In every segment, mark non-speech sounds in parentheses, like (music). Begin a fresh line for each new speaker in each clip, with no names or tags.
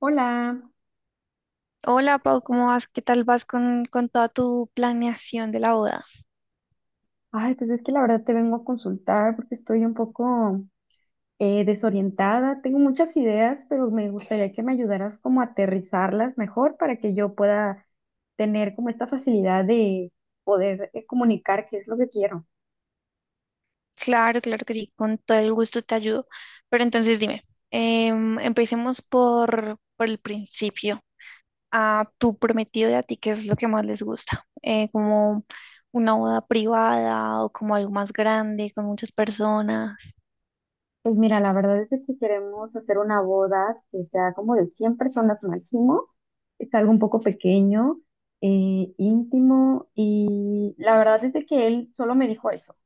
Hola.
Hola Pau, ¿cómo vas? ¿Qué tal vas con toda tu planeación de la boda?
Ay, pues es que la verdad te vengo a consultar porque estoy un poco desorientada. Tengo muchas ideas, pero me gustaría que me ayudaras como a aterrizarlas mejor para que yo pueda tener como esta facilidad de poder comunicar qué es lo que quiero.
Claro, claro que sí, con todo el gusto te ayudo. Pero entonces dime, empecemos por el principio. A tu prometido y a ti, ¿qué es lo que más les gusta? ¿Como una boda privada o como algo más grande, con muchas personas?
Pues mira, la verdad es de que queremos hacer una boda que sea como de 100 personas máximo. Es algo un poco pequeño, íntimo, y la verdad es de que él solo me dijo eso.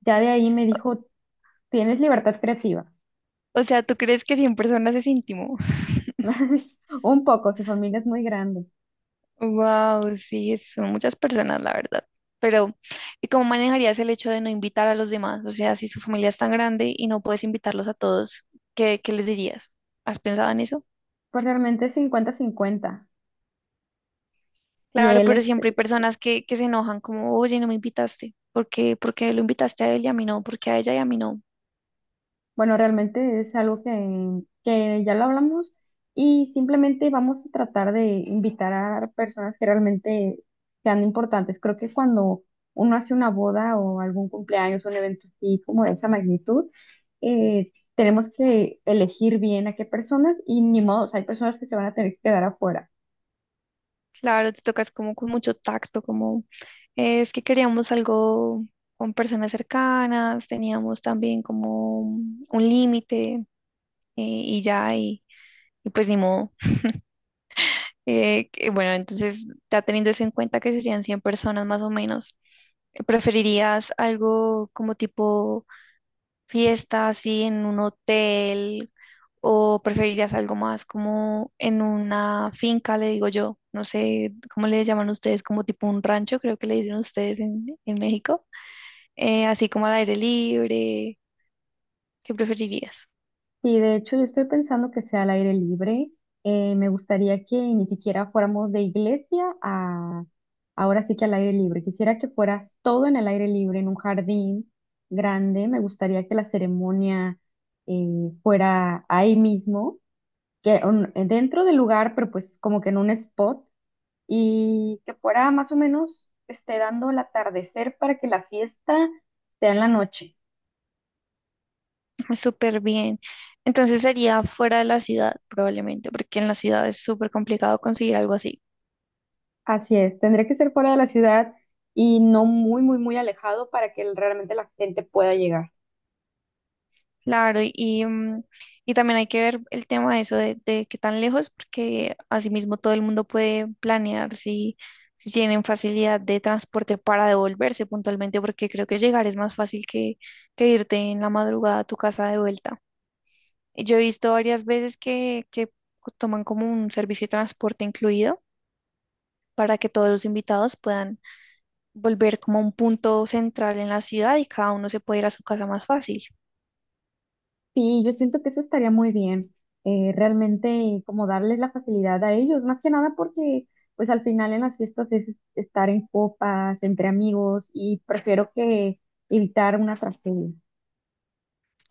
Ya de ahí me dijo, tienes libertad creativa.
O sea, ¿tú crees que 100 personas es íntimo?
(laughs) Un poco, su familia es muy grande.
Wow, sí, son muchas personas, la verdad. Pero, ¿y cómo manejarías el hecho de no invitar a los demás? O sea, si su familia es tan grande y no puedes invitarlos a todos, ¿qué les dirías? ¿Has pensado en eso?
Pues realmente es cincuenta 50. Si
Claro,
él,
pero siempre hay
este,
personas que se enojan como, oye, no me invitaste. ¿Por qué? ¿Por qué lo invitaste a él y a mí no? ¿Por qué a ella y a mí no?
bueno, realmente es algo que ya lo hablamos y simplemente vamos a tratar de invitar a personas que realmente sean importantes. Creo que cuando uno hace una boda o algún cumpleaños, un evento así como de esa magnitud, tenemos que elegir bien a qué personas, y ni modo, o sea, hay personas que se van a tener que quedar afuera.
Claro, te tocas como con mucho tacto, como, es que queríamos algo con personas cercanas, teníamos también como un límite y ya, y pues ni modo. Bueno, entonces, ya teniendo eso en cuenta que serían 100 personas más o menos, ¿preferirías algo como tipo fiesta así en un hotel o preferirías algo más como en una finca, le digo yo? No sé cómo le llaman ustedes, como tipo un rancho, creo que le dicen ustedes en México. Así como al aire libre, ¿qué preferirías?
Sí, de hecho yo estoy pensando que sea al aire libre. Me gustaría que ni siquiera fuéramos de iglesia a ahora sí que al aire libre. Quisiera que fueras todo en el aire libre, en un jardín grande. Me gustaría que la ceremonia fuera ahí mismo, dentro del lugar, pero pues como que en un spot, y que fuera más o menos esté dando el atardecer para que la fiesta sea en la noche.
(laughs) Ah, súper bien. Entonces sería fuera de la ciudad probablemente, porque en la ciudad es súper complicado conseguir algo así.
Así es, tendría que ser fuera de la ciudad y no muy, muy, muy alejado para que realmente la gente pueda llegar.
Claro, y, y también hay que ver el tema de eso de qué tan lejos, porque asimismo todo el mundo puede planear si, si tienen facilidad de transporte para devolverse puntualmente, porque creo que llegar es más fácil que irte en la madrugada a tu casa de vuelta. Y yo he visto varias veces que toman como un servicio de transporte incluido para que todos los invitados puedan volver como a un punto central en la ciudad y cada uno se puede ir a su casa más fácil.
Sí, yo siento que eso estaría muy bien, realmente como darles la facilidad a ellos, más que nada porque pues al final en las fiestas es estar en copas, entre amigos, y prefiero que evitar una tragedia.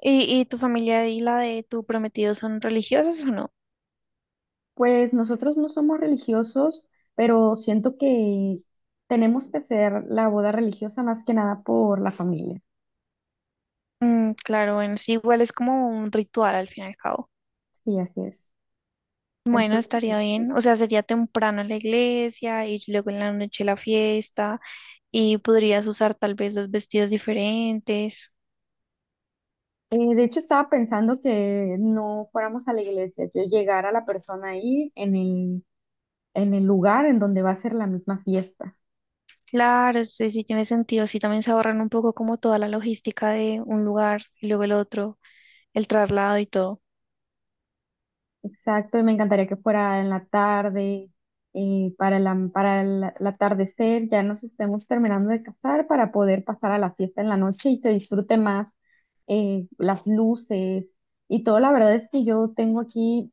Y tu familia y la de tu prometido son religiosos o no?
Pues nosotros no somos religiosos, pero siento que tenemos que hacer la boda religiosa más que nada por la familia.
Mm, claro, bueno, sí, igual es como un ritual al fin y al cabo.
Sí, así es.
Bueno,
Entonces,
estaría
sí.
bien. O sea, sería temprano en la iglesia y luego en la noche la fiesta y podrías usar tal vez 2 vestidos diferentes.
De hecho, estaba pensando que no fuéramos a la iglesia, que llegara la persona ahí en el lugar en donde va a ser la misma fiesta.
Claro, sí, sí tiene sentido. Sí, también se ahorran un poco como toda la logística de un lugar y luego el otro, el traslado y todo.
Exacto, y me encantaría que fuera en la tarde, para para el atardecer, ya nos estemos terminando de casar para poder pasar a la fiesta en la noche y se disfrute más las luces y todo. La verdad es que yo tengo aquí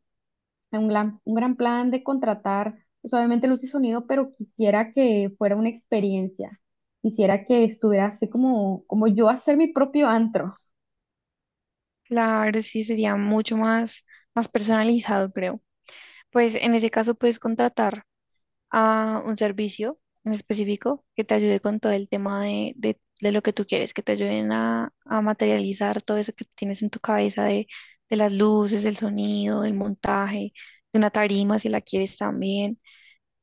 un gran plan de contratar, pues obviamente luz y sonido, pero quisiera que fuera una experiencia. Quisiera que estuviera así como, como yo hacer mi propio antro.
Claro, sí, sería mucho más, más personalizado, creo. Pues en ese caso puedes contratar a un servicio en específico que te ayude con todo el tema de lo que tú quieres, que te ayuden a materializar todo eso que tienes en tu cabeza de las luces, el sonido, el montaje, de una tarima si la quieres también,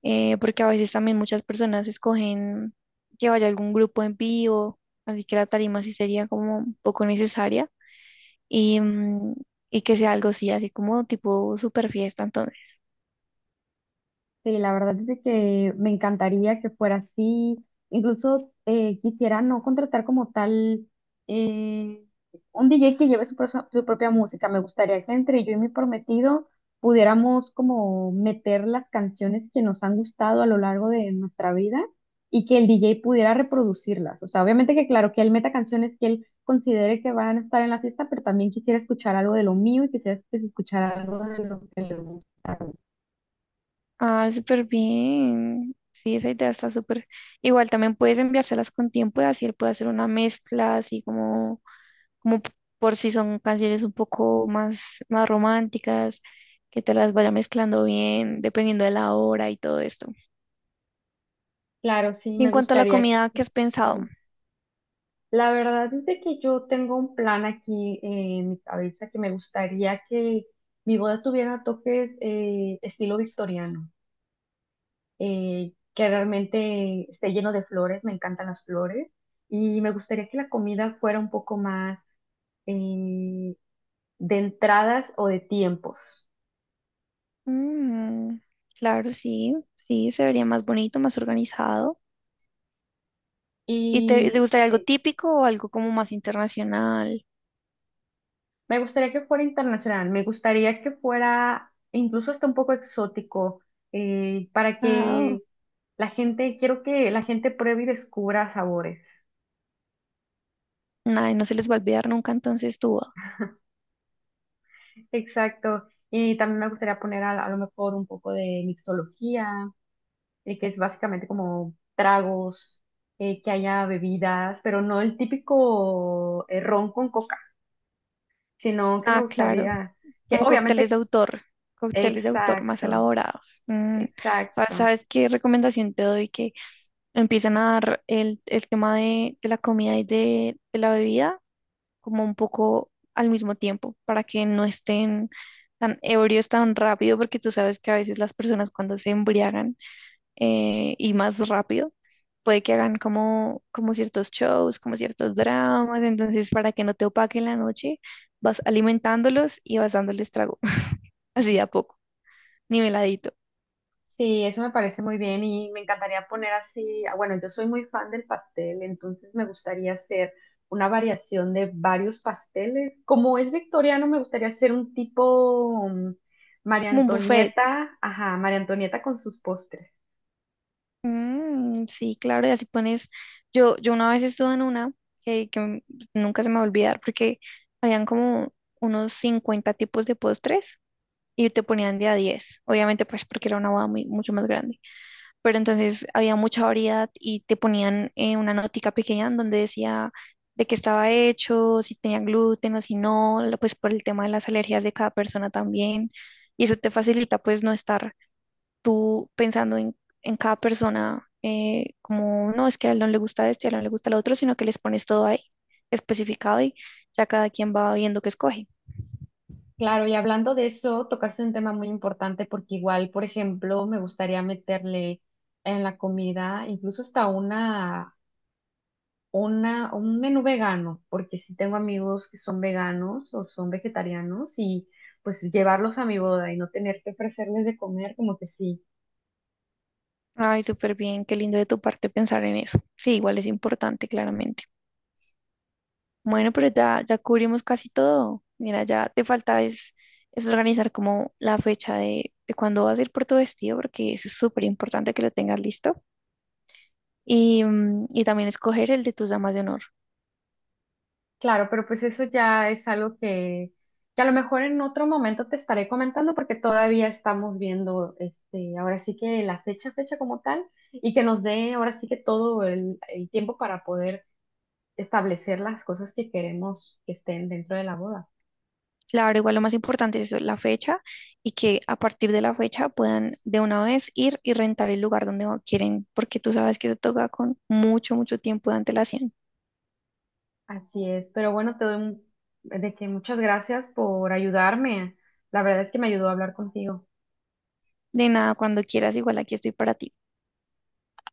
porque a veces también muchas personas escogen que vaya algún grupo en vivo, así que la tarima sí sería como un poco necesaria y, mm, y que sea algo así, así como tipo super fiesta.
Sí, la verdad es de que me encantaría que fuera así. Incluso quisiera no contratar como tal eh, un DJ que lleve su propia música. Me gustaría que entre yo y mi prometido pudiéramos como meter las canciones que nos han gustado a lo largo de nuestra vida y que el DJ pudiera reproducirlas. O sea, obviamente que claro, que él meta canciones que él considere que van a estar en la fiesta, pero también quisiera escuchar algo de lo mío y quisiera escuchar algo de lo que le...
Ah, súper bien. Sí, esa idea está súper. Igual también puedes enviárselas con tiempo y así él puede hacer una mezcla, así como, como p- por si son canciones un poco más, más románticas, que te las vaya mezclando bien, dependiendo de la hora y todo esto.
Claro, sí,
Y en
me
cuanto a la
gustaría.
comida, ¿qué has pensado?
Sí, la verdad es de que yo tengo un plan aquí en mi cabeza, que me gustaría que mi boda tuviera toques estilo victoriano, que realmente esté lleno de flores, me encantan las flores, y me gustaría que la comida fuera un poco más eh, de entradas o de tiempos.
Mm, claro, sí, sí, se vería más bonito, más organizado. ¿Y te
Y
gustaría algo
sí.
típico o algo como más internacional?
Me gustaría que fuera internacional, me gustaría que fuera incluso hasta un poco exótico, para
Wow.
que la gente, quiero que la gente pruebe y descubra sabores.
Ay, no se les va a olvidar nunca entonces tú.
Exacto. Y también me gustaría poner a lo mejor un poco de mixología, que es básicamente como tragos, que haya bebidas, pero no el típico ron con coca, sino que me
Ah, claro,
gustaría que
como
obviamente,
cócteles de autor más
exacto,
elaborados. Mm, ¿sabes,
exacto.
sabes qué recomendación te doy? Que empiecen a dar el tema de la comida y de la bebida como un poco al mismo tiempo, para que no estén tan ebrios tan rápido, porque tú sabes que a veces las personas cuando se embriagan y más rápido. Puede que hagan como, como ciertos shows, como ciertos dramas, entonces para que no te opaquen la noche, vas alimentándolos y vas dándoles trago, (laughs) así de a poco, niveladito,
Sí, eso me parece muy bien, y me encantaría poner así, ah, bueno, yo soy muy fan del pastel, entonces me gustaría hacer una variación de varios pasteles. Como es victoriano, me gustaría hacer un tipo María
como un buffet.
Antonieta, ajá, María Antonieta con sus postres.
Mm, sí, claro, y así pones, yo una vez estuve en una eh, que m- nunca se me va a olvidar porque habían como unos 50 tipos de postres y te ponían de a 10 obviamente pues porque era una boda muy, mucho más grande. Pero entonces había mucha variedad y te ponían una notica pequeña en donde decía de qué estaba hecho, si tenía gluten o si no, pues por el tema de las alergias de cada persona también. Y eso te facilita pues no estar tú pensando en cada persona como, no, es que a él no le gusta esto y a él no le gusta lo otro, sino que les pones todo ahí especificado y ya cada quien va viendo qué escoge.
Claro, y hablando de eso, tocaste un tema muy importante porque igual, por ejemplo, me gustaría meterle en la comida incluso hasta una un menú vegano, porque sí tengo amigos que son veganos o son vegetarianos, y pues llevarlos a mi boda y no tener que ofrecerles de comer, como que sí.
Ay, súper bien, qué lindo de tu parte pensar en eso. Sí, igual es importante, claramente. Bueno, pero ya, ya cubrimos casi todo. Mira, ya te falta es organizar como la fecha de cuándo vas a ir por tu vestido, porque eso es súper importante que lo tengas listo. Y, mm, y también escoger el de tus damas de honor.
Claro, pero pues eso ya es algo que a lo mejor en otro momento te estaré comentando porque todavía estamos viendo, este, ahora sí que la fecha, fecha como tal, y que nos dé ahora sí que todo el tiempo para poder establecer las cosas que queremos que estén dentro de la boda.
Claro, igual lo más importante es eso, la fecha y que a partir de la fecha puedan de una vez ir y rentar el lugar quieren, porque tú sabes que eso toca con mucho, mucho tiempo de antelación.
Así es, pero bueno, de que muchas gracias por ayudarme. La verdad es que me ayudó a hablar contigo.
De nada, cuando quieras, igual aquí estoy para ti.